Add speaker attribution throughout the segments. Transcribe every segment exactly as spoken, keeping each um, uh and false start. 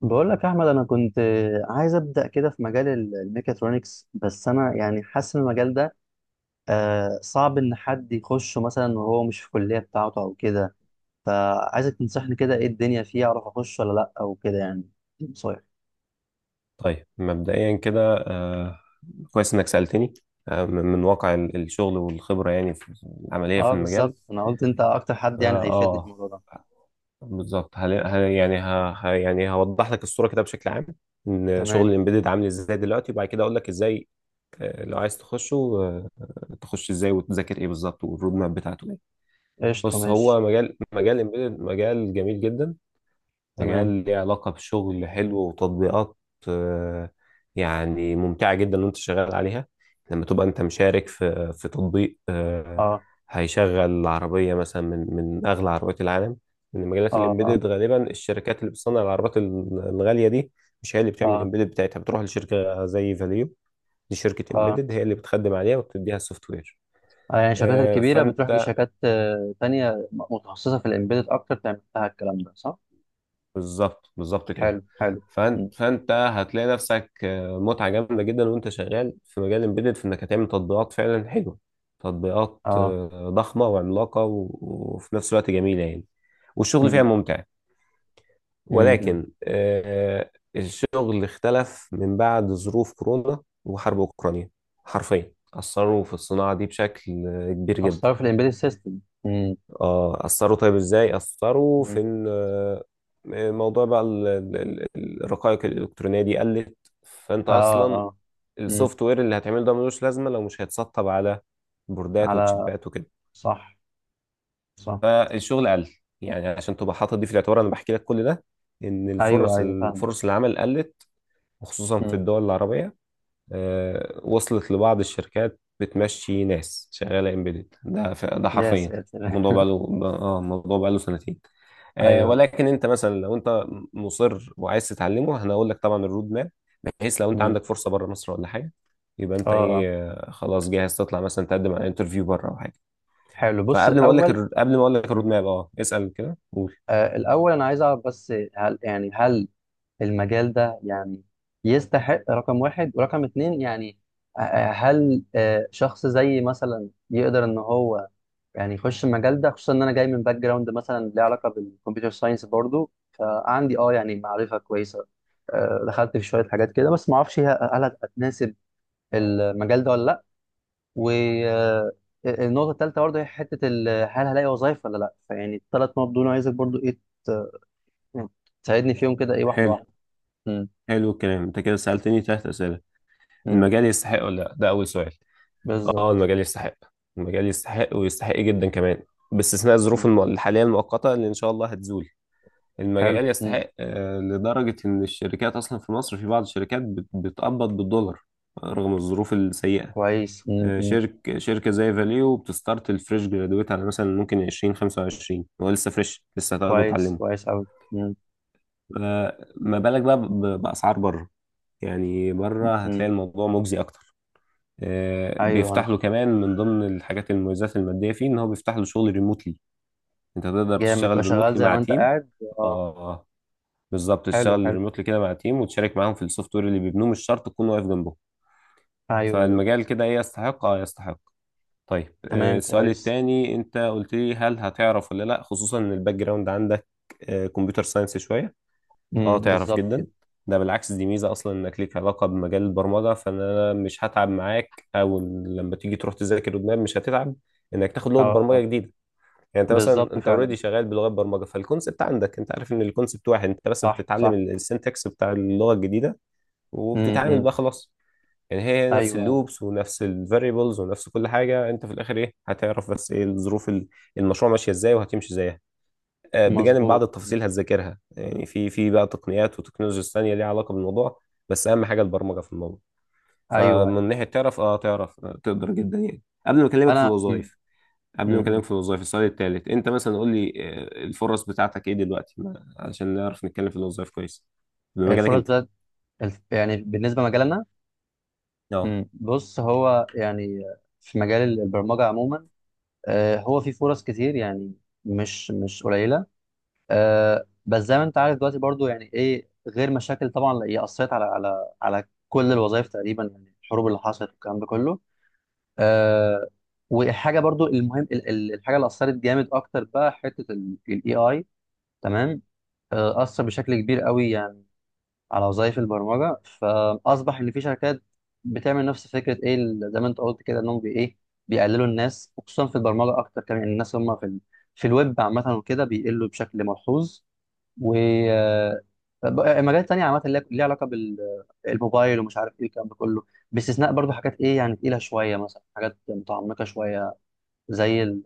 Speaker 1: بقول لك يا احمد، انا كنت عايز ابدا كده في مجال ال- الميكاترونكس. بس انا يعني حاسس ان المجال ده آه، صعب ان حد يخشه مثلا وهو مش في الكليه بتاعته او كده. فعايزك تنصحني كده، ايه الدنيا فيه اعرف اخش ولا لا او كده يعني؟ صحيح.
Speaker 2: طيب مبدئيا كده. آه، كويس انك سألتني. آه، من من واقع ال- الشغل والخبرة، يعني في العملية، في
Speaker 1: اه
Speaker 2: المجال.
Speaker 1: بالظبط، انا قلت انت اكتر حد
Speaker 2: فا
Speaker 1: يعني هيفيدني في
Speaker 2: اه
Speaker 1: الموضوع ده.
Speaker 2: بالظبط. هل... هل... يعني ه... ه- يعني هوضح لك الصورة كده بشكل عام، ان شغل
Speaker 1: تمام.
Speaker 2: الامبيدد عامل ازاي دلوقتي، وبعد كده اقول لك ازاي، آه، لو عايز تخشه، آه، تخش ازاي وتذاكر ايه بالظبط، والرود ماب بتاعته ايه.
Speaker 1: قشطه،
Speaker 2: بص،
Speaker 1: ماشي.
Speaker 2: هو مجال، مجال الامبيدد مجال جميل جدا. مجال
Speaker 1: تمام.
Speaker 2: ليه علاقة بشغل حلو، وتطبيقات آه، يعني ممتعة جدا وانت شغال عليها. لما تبقى انت مشارك في في تطبيق آه،
Speaker 1: اه،
Speaker 2: هيشغل العربية مثلا، من من أغلى عربيات العالم. من مجالات
Speaker 1: اه، اه،
Speaker 2: الإمبيدد، غالبا الشركات اللي بتصنع العربيات ال- الغالية دي مش هي اللي بتعمل
Speaker 1: اه،
Speaker 2: الإمبيدد بتاعتها، بتروح لشركة زي فاليو. دي شركة
Speaker 1: اه.
Speaker 2: إمبيدد هي اللي بتخدم عليها وبتديها السوفت وير.
Speaker 1: آه، يعني الشركات الكبيره بتروح
Speaker 2: فأنت،
Speaker 1: لشركات آه، تانية متخصصه في الامبيدد اكتر، تعمل لها الكلام ده، صح؟
Speaker 2: بالظبط بالظبط كده.
Speaker 1: حلو، حلو.
Speaker 2: فانت فانت هتلاقي نفسك آه، متعه جامده جدا وانت شغال في مجال امبيدد، في انك هتعمل تطبيقات فعلا حلوه، تطبيقات
Speaker 1: اه.
Speaker 2: آه، ضخمه وعملاقه و- وفي نفس الوقت جميله يعني. والشغل فيها
Speaker 1: مم.
Speaker 2: ممتع.
Speaker 1: مم. مم.
Speaker 2: ولكن آه، الشغل اختلف من بعد ظروف كورونا وحرب اوكرانيا. حرفيا اثروا في الصناعه دي بشكل آه، كبير جدا.
Speaker 1: اصلا في الامبيدد سيستم. مم.
Speaker 2: اه، اثروا. طيب، ازاي اثروا؟
Speaker 1: مم.
Speaker 2: في ان آه، موضوع بقى ال- ال- ال- الرقائق الالكترونيه دي قلت. فانت
Speaker 1: اه،
Speaker 2: اصلا
Speaker 1: اه. مم.
Speaker 2: السوفت وير اللي هتعمله ده ملوش لازمه لو مش هيتسطب على بوردات
Speaker 1: على
Speaker 2: وتشيبات وكده.
Speaker 1: صح، صح.
Speaker 2: فالشغل قل. يعني عشان تبقى حاطط دي في الاعتبار، انا بحكي لك كل ده، ان
Speaker 1: ايوه،
Speaker 2: الفرص،
Speaker 1: ايوه، فاهم.
Speaker 2: الفرص العمل قلت، وخصوصا في
Speaker 1: مم.
Speaker 2: الدول العربيه. آه، وصلت لبعض الشركات بتمشي ناس شغاله امبيدد. ده ف- ده
Speaker 1: يا
Speaker 2: حرفيا الموضوع بقى
Speaker 1: ساتر.
Speaker 2: له اه الموضوع بقى له سنتين. آه،
Speaker 1: ايوه.
Speaker 2: ولكن انت مثلا، لو انت مصر وعايز تتعلمه، انا هقول لك طبعا الرود ماب، بحيث لو انت
Speaker 1: مم.
Speaker 2: عندك فرصه بره مصر ولا حاجه، يبقى
Speaker 1: اه،
Speaker 2: انت
Speaker 1: اه.
Speaker 2: ايه، آه، خلاص جاهز تطلع مثلا تقدم على انترفيو بره او حاجه.
Speaker 1: حلو، بص
Speaker 2: فقبل ما اقول لك
Speaker 1: الاول.
Speaker 2: الر- قبل ما اقول لك الرود
Speaker 1: مم.
Speaker 2: ماب. اه، اسال كده، قول.
Speaker 1: آه الاول انا عايز اعرف بس، هل يعني هل المجال ده يعني يستحق رقم واحد ورقم اتنين يعني؟ آه، آه، هل آه، شخص زي مثلا يقدر ان هو يعني يخش المجال ده، خصوصا ان انا جاي من باك جراوند مثلا ليه علاقه بالكمبيوتر ساينس برضو، فعندي اه يعني معرفه كويسه. آه، دخلت في شويه حاجات كده، بس ما اعرفش هي هل هتناسب المجال ده ولا لا. والنقطه الثالثه برضو هي حته ال- هل هلاقي وظايف ولا لا. فيعني الثلاث نقط دول عايزك برضو ايه، ت- يعني تساعدني فيهم كده ايه، واحده
Speaker 2: حلو،
Speaker 1: واحده. مم.
Speaker 2: حلو. الكلام، انت كده سالتني ثلاث اسئله.
Speaker 1: مم.
Speaker 2: المجال يستحق ولا لا، ده اول سؤال. اه،
Speaker 1: بالظبط.
Speaker 2: المجال يستحق. المجال يستحق، ويستحق جدا كمان، باستثناء الظروف
Speaker 1: مم.
Speaker 2: الم- الحاليه المؤقته اللي ان شاء الله هتزول.
Speaker 1: حلو.
Speaker 2: المجال
Speaker 1: مم.
Speaker 2: يستحق آه، لدرجة إن الشركات أصلا في مصر، في بعض الشركات بت- بتقبض بالدولار رغم الظروف السيئة.
Speaker 1: كويس. مم.
Speaker 2: آه،
Speaker 1: مم.
Speaker 2: شرك شركة زي فاليو بتستارت الفريش جرادويت على مثلا ممكن عشرين خمسة وعشرين. هو لسه فريش، لسه هتاخده
Speaker 1: كويس،
Speaker 2: وتعلمه.
Speaker 1: كويس قوي.
Speaker 2: آه، ما بالك بقى ب- بأسعار بره. يعني بره هتلاقي الموضوع مجزي أكتر. آه،
Speaker 1: ايوه.
Speaker 2: بيفتح له كمان من ضمن الحاجات، المميزات المادية فيه إن هو بيفتح له شغل ريموتلي. أنت تقدر
Speaker 1: جامد، تبقى
Speaker 2: تشتغل
Speaker 1: شغال
Speaker 2: ريموتلي
Speaker 1: زي
Speaker 2: مع
Speaker 1: ما انت
Speaker 2: تيم.
Speaker 1: قاعد. آه.
Speaker 2: آه بالظبط
Speaker 1: حلو،
Speaker 2: تشتغل
Speaker 1: حلو.
Speaker 2: ريموتلي كده مع تيم وتشارك معاهم في السوفت وير اللي بيبنوه، مش شرط تكون واقف جنبهم.
Speaker 1: ايوه، ايوه.
Speaker 2: فالمجال كده ايه، يستحق. اه، يستحق. طيب، آه،
Speaker 1: تمام.
Speaker 2: السؤال
Speaker 1: كويس.
Speaker 2: التاني انت قلت لي، هل هتعرف ولا لا، خصوصا ان الباك جراوند عندك كمبيوتر ساينس شويه. اه،
Speaker 1: امم،
Speaker 2: تعرف
Speaker 1: بالظبط كده.
Speaker 2: جدا. ده بالعكس، دي ميزه اصلا انك ليك علاقه بمجال البرمجه، فانا مش هتعب معاك، او لما تيجي تروح تذاكر قدام مش هتتعب انك تاخد
Speaker 1: اه.
Speaker 2: لغه برمجه
Speaker 1: آه.
Speaker 2: جديده. يعني انت مثلا
Speaker 1: بالظبط
Speaker 2: انت
Speaker 1: فعلا.
Speaker 2: اوريدي شغال بلغات برمجه، فالكونسبت عندك، انت عارف ان الكونسبت واحد، انت بس
Speaker 1: صح،
Speaker 2: بتتعلم
Speaker 1: صح.
Speaker 2: السنتكس بتاع اللغه الجديده
Speaker 1: امم،
Speaker 2: وبتتعامل
Speaker 1: أمم.
Speaker 2: بقى خلاص. يعني هي هي نفس
Speaker 1: ايوه، ايوه.
Speaker 2: اللوبس ونفس الفاريبلز ونفس كل حاجه. انت في الاخر ايه هتعرف بس ايه الظروف ال- المشروع ماشيه ازاي وهتمشي ازاي، آه، بجانب بعض
Speaker 1: مظبوط. أمم.
Speaker 2: التفاصيل هتذاكرها. يعني في في بقى تقنيات وتكنولوجيا ثانيه ليها علاقه بالموضوع، بس اهم حاجه البرمجه في الموضوع.
Speaker 1: ايوه، ايوه.
Speaker 2: فمن ناحيه تعرف اه تعرف آه، تقدر جدا يعني. قبل ما اكلمك في
Speaker 1: انا أمم.
Speaker 2: الوظائف، قبل
Speaker 1: أمم.
Speaker 2: ما
Speaker 1: إمم.
Speaker 2: اكلمك في الوظائف، السؤال التالت انت مثلا قول لي آه، الفرص بتاعتك ايه دلوقتي ما- علشان نعرف نتكلم في الوظائف كويس بمجالك
Speaker 1: الفرص
Speaker 2: انت.
Speaker 1: بتاعت الف... يعني بالنسبه لمجالنا.
Speaker 2: اه،
Speaker 1: أمم. بص هو يعني في مجال البرمجه عموما آه هو في فرص كتير يعني، مش مش قليله. آه بس زي ما انت عارف دلوقتي برضو يعني ايه غير مشاكل طبعا، هي اثرت على على على كل الوظائف تقريبا يعني، الحروب اللي حصلت والكلام ده كله. آه وحاجه برضو المهم ال- ال- الحاجه اللي اثرت جامد اكتر، بقى حته الاي اي. تمام. آه، اثر بشكل كبير قوي يعني على وظائف البرمجه، فاصبح ان في شركات بتعمل نفس فكره، ايه ال- زي ما انت قلت كده، انهم بي ايه بيقللوا الناس، وخصوصا في البرمجه اكتر كمان، الناس هم في ال... في الويب عامه وكده بيقلوا بشكل ملحوظ. و آه، مجالات تانية عامة اللي ليها علاقة بالموبايل ومش عارف ايه الكلام ده كله، باستثناء برضو حاجات ايه يعني تقيلة شوية، مثلا حاجات متعمقة شوية زي ال...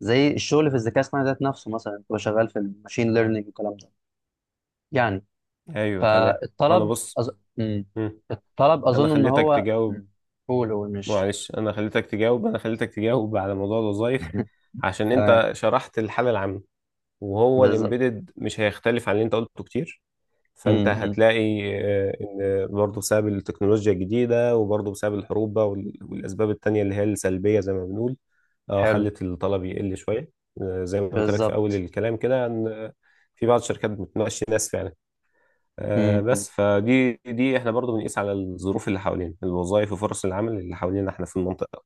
Speaker 1: زي الشغل في الذكاء الصناعي ذات نفسه، مثلا تبقى شغال في الماشين ليرنينج والكلام ده يعني.
Speaker 2: ايوه، تمام. هو انا
Speaker 1: فالطلب
Speaker 2: بص.
Speaker 1: أظ... مم.
Speaker 2: مم.
Speaker 1: الطلب
Speaker 2: انا
Speaker 1: أظن إن
Speaker 2: خليتك
Speaker 1: هو
Speaker 2: تجاوب.
Speaker 1: مم. قول، قول، مش
Speaker 2: معلش، انا خليتك تجاوب انا خليتك تجاوب على موضوع الوظائف عشان
Speaker 1: تمام.
Speaker 2: انت شرحت الحالة العامة، وهو
Speaker 1: بالظبط.
Speaker 2: الامبيدد مش هيختلف عن اللي انت قلته كتير. فانت
Speaker 1: مم، مم.
Speaker 2: هتلاقي آه، ان برضه بسبب التكنولوجيا الجديده، وبرضه بسبب الحروب بقى وال- والاسباب التانيه اللي هي السلبيه زي ما بنقول، اه
Speaker 1: حلو.
Speaker 2: خلت الطلب يقل شويه. آه، زي ما قلت لك في اول
Speaker 1: بالظبط.
Speaker 2: الكلام كده، ان آه، في بعض الشركات بتناقش ناس فعلا. آه،
Speaker 1: مم، مم.
Speaker 2: بس فدي دي احنا برضه بنقيس على الظروف اللي حوالينا، الوظائف وفرص العمل اللي حوالينا احنا في المنطقه.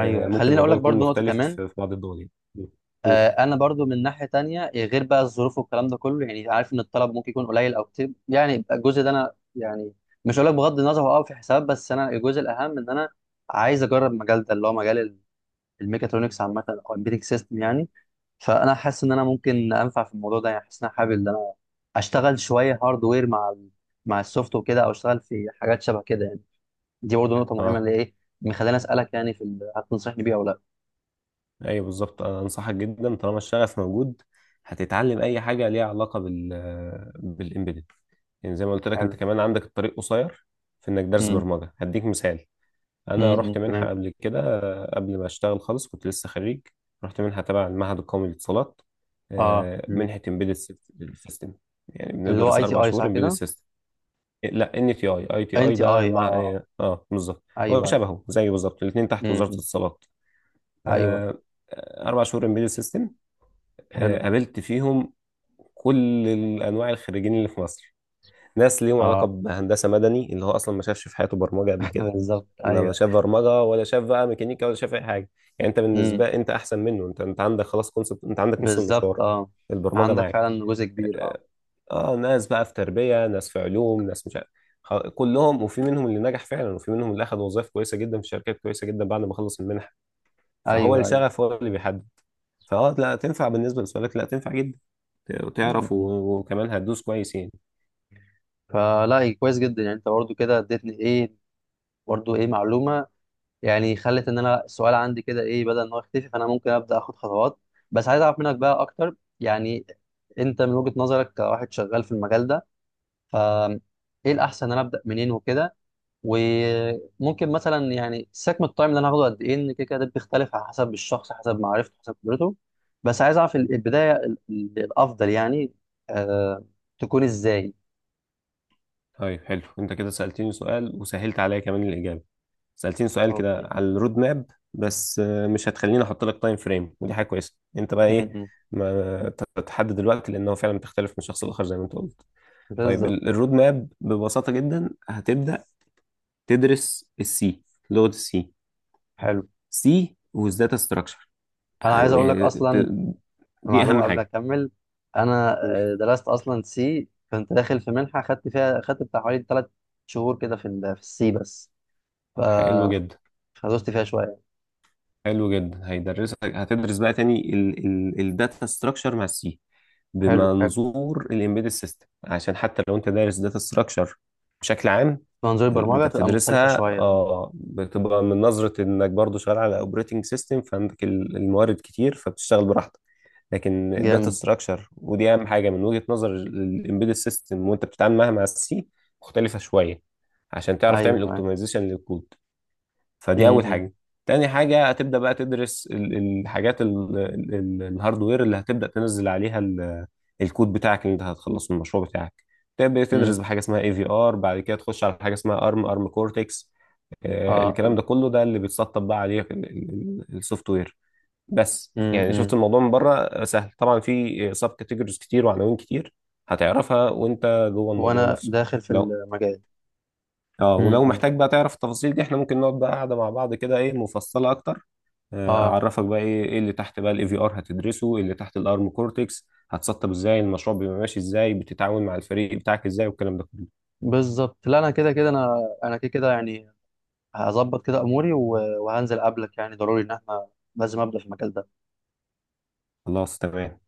Speaker 2: آه، ممكن
Speaker 1: خليني اقول
Speaker 2: الموضوع
Speaker 1: لك
Speaker 2: يكون
Speaker 1: برضو نقطه
Speaker 2: مختلف
Speaker 1: كمان.
Speaker 2: في بعض الدول يعني. قول.
Speaker 1: آه، انا برضو من ناحيه تانية إيه، غير بقى الظروف والكلام ده كله يعني، عارف ان الطلب ممكن يكون قليل او كتير يعني، يبقى الجزء ده انا يعني مش هقول لك بغض النظر هو اه، في حساب. بس انا الجزء الاهم ان انا عايز اجرب المجال ده اللي هو مجال ال- الميكاترونكس عامه، او البيتك سيستم يعني. فانا حاسس ان انا ممكن انفع في الموضوع ده، يعني حاسس ان انا حابب ان انا اشتغل شويه هاردوير مع ال مع السوفت وكده، او اشتغل في حاجات شبه كده يعني. دي برضو نقطه مهمه
Speaker 2: اه،
Speaker 1: اللي ايه مخليني اسالك، يعني في ال- هتنصحني بيها او لا.
Speaker 2: ايوه بالظبط، انا انصحك جدا طالما الشغف موجود. هتتعلم اي حاجه ليها علاقه بال بالامبيدد. يعني زي ما قلت لك،
Speaker 1: حلو.
Speaker 2: انت كمان عندك الطريق قصير، في انك درس
Speaker 1: امم.
Speaker 2: برمجه. هديك مثال: انا
Speaker 1: امم.
Speaker 2: رحت منحه
Speaker 1: تمام.
Speaker 2: قبل كده، آه، قبل ما اشتغل خالص، كنت لسه خريج. رحت منحه تبع المعهد القومي للاتصالات،
Speaker 1: اه،
Speaker 2: آه، منحه امبيدد سيستم. يعني
Speaker 1: اللي هو
Speaker 2: بندرس
Speaker 1: اي تي
Speaker 2: اربع
Speaker 1: اي
Speaker 2: شهور
Speaker 1: صح
Speaker 2: امبيدد
Speaker 1: كده؟
Speaker 2: سيستم. إيه، لا، ان تي اي. اي تي
Speaker 1: ان
Speaker 2: اي
Speaker 1: تي
Speaker 2: ده
Speaker 1: اي.
Speaker 2: مع
Speaker 1: اه.
Speaker 2: اه آه، بالظبط. هو
Speaker 1: ايوه، ايوه.
Speaker 2: شبهه زيه بالظبط، الاثنين تحت وزاره
Speaker 1: امم.
Speaker 2: الاتصالات.
Speaker 1: ايوه.
Speaker 2: آه، اربع شهور امبيدد سيستم.
Speaker 1: حلو.
Speaker 2: قابلت فيهم كل الانواع، الخريجين اللي في مصر. ناس ليهم علاقه
Speaker 1: اه.
Speaker 2: بهندسه مدني اللي هو اصلا ما شافش في حياته برمجه قبل كده،
Speaker 1: بالظبط،
Speaker 2: لا
Speaker 1: ايوه.
Speaker 2: شاف برمجه ولا شاف بقى ميكانيكا ولا شاف اي حاجه. يعني انت
Speaker 1: امم.
Speaker 2: بالنسبه، انت احسن منه، انت انت عندك خلاص كونسبت، انت عندك نص
Speaker 1: بالظبط.
Speaker 2: المشوار.
Speaker 1: اه.
Speaker 2: البرمجه
Speaker 1: عندك
Speaker 2: معاك.
Speaker 1: فعلا جزء كبير. اه.
Speaker 2: اه. آه، ناس بقى في تربيه، ناس في علوم، ناس مش عارف. خ- كلهم، وفي منهم اللي نجح فعلا، وفي منهم اللي اخذ وظائف كويسه جدا في شركات كويسه جدا بعد ما خلص المنحه. فهو
Speaker 1: ايوه، ايوه.
Speaker 2: الشغف هو اللي بيحدد. فاه لا، تنفع بالنسبه لسؤالك، لا، تنفع جدا. ت- وتعرف
Speaker 1: امم.
Speaker 2: و- وكمان هتدوس كويس يعني.
Speaker 1: فلا إيه، كويس جدا يعني، انت برضو كده اديتني ايه برضو ايه معلومه، يعني خلت ان انا السؤال عندي كده ايه بدل ان هو يختفي، فانا ممكن ابدا اخد خطوات. بس عايز اعرف منك بقى اكتر يعني، انت من وجهه نظرك كواحد شغال في المجال ده، ف ايه الاحسن ان انا ابدا منين وكده. وممكن مثلا يعني سكم التايم اللي انا هاخده قد ايه، ان كده كده ده بيختلف على حسب الشخص، حسب معرفته، حسب خبرته. بس عايز اعرف ال- البدايه ال- ال- الافضل يعني آه تكون ازاي.
Speaker 2: طيب، حلو، انت كده سالتني سؤال وسهلت عليا كمان الاجابه. سالتني سؤال كده
Speaker 1: اوكي.
Speaker 2: على الرود ماب، بس آه، مش هتخليني احط لك تايم فريم، ودي حاجه كويسه. انت بقى
Speaker 1: م-
Speaker 2: ايه
Speaker 1: م.
Speaker 2: ما ت- تحدد الوقت، لانه فعلا بتختلف من شخص لاخر زي ما انت قلت. طيب
Speaker 1: بالظبط.
Speaker 2: ال- الرود ماب، ببساطه جدا، هتبدا تدرس السي، لغه السي،
Speaker 1: حلو.
Speaker 2: سي والداتا ستراكشر.
Speaker 1: انا عايز اقول لك
Speaker 2: يعني ت-
Speaker 1: اصلا
Speaker 2: دي اهم
Speaker 1: معلومه قبل ما
Speaker 2: حاجه.
Speaker 1: اكمل. انا
Speaker 2: قول.
Speaker 1: آه، درست اصلا سي، كنت داخل في منحه خدت فيها، خدت بتاع حوالي ثلاث شهور كده في ال- في السي بس. ف
Speaker 2: حلو جدا،
Speaker 1: فدوست فيها شويه.
Speaker 2: حلو جدا. هيدرسك، هتدرس بقى تاني الداتا ستراكشر مع السي
Speaker 1: حلو، حلو.
Speaker 2: بمنظور الامبيدد سيستم، عشان حتى لو انت دارس داتا ستراكشر بشكل عام،
Speaker 1: منظور
Speaker 2: ال-
Speaker 1: البرمجه
Speaker 2: انت
Speaker 1: تبقى مختلفه
Speaker 2: بتدرسها
Speaker 1: شويه.
Speaker 2: اه بتبقى من نظرة انك برضو شغال على اوبريتنج سيستم، فعندك ال- الموارد كتير فبتشتغل براحتك. لكن الداتا
Speaker 1: جامد.
Speaker 2: ستراكشر، ودي اهم حاجة من وجهة نظر الامبيدد سيستم وانت بتتعامل معاها مع السي، مختلفة شوية عشان
Speaker 1: ايوه،
Speaker 2: تعرف تعمل
Speaker 1: أيوه.
Speaker 2: اوبتمايزيشن للكود. فدي اول
Speaker 1: امم.
Speaker 2: حاجه. تاني حاجه، هتبدا بقى تدرس ال- الحاجات ال- ال- ال- الهاردوير اللي هتبدا تنزل عليها ال- الكود بتاعك اللي انت هتخلصه من المشروع بتاعك. تبدا تدرس
Speaker 1: امم.
Speaker 2: بحاجه اسمها اي في ار، بعد كده تخش على حاجه اسمها ارم، ارم كورتكس. الكلام
Speaker 1: اه.
Speaker 2: ده كله ده اللي بيتسطب بقى عليه السوفت وير. بس
Speaker 1: امم.
Speaker 2: يعني شفت
Speaker 1: امم.
Speaker 2: الموضوع من بره آه، سهل، طبعا في سب كاتيجوريز كتير وعناوين كتير، هتعرفها وانت جوه الموضوع
Speaker 1: وانا
Speaker 2: نفسه.
Speaker 1: داخل في
Speaker 2: لو
Speaker 1: المجال.
Speaker 2: اه
Speaker 1: امم.
Speaker 2: ولو
Speaker 1: امم.
Speaker 2: محتاج بقى تعرف التفاصيل دي، احنا ممكن نقعد بقى قاعدة مع بعض كده ايه، مفصلة اكتر، آه،
Speaker 1: اه،
Speaker 2: اعرفك بقى ايه ايه اللي تحت بقى الاي في ار، هتدرسه ايه اللي تحت الارم كورتكس، هتسطب ازاي، المشروع بيبقى ماشي ازاي، بتتعاون مع الفريق بتاعك ازاي، والكلام ده كله.
Speaker 1: بالظبط. لا انا كده كده انا انا كده كده يعني، هظبط كده اموري و- وهنزل قبلك، يعني ضروري ان احنا لازم ابدا في المجال ده.
Speaker 2: خلاص، تمام.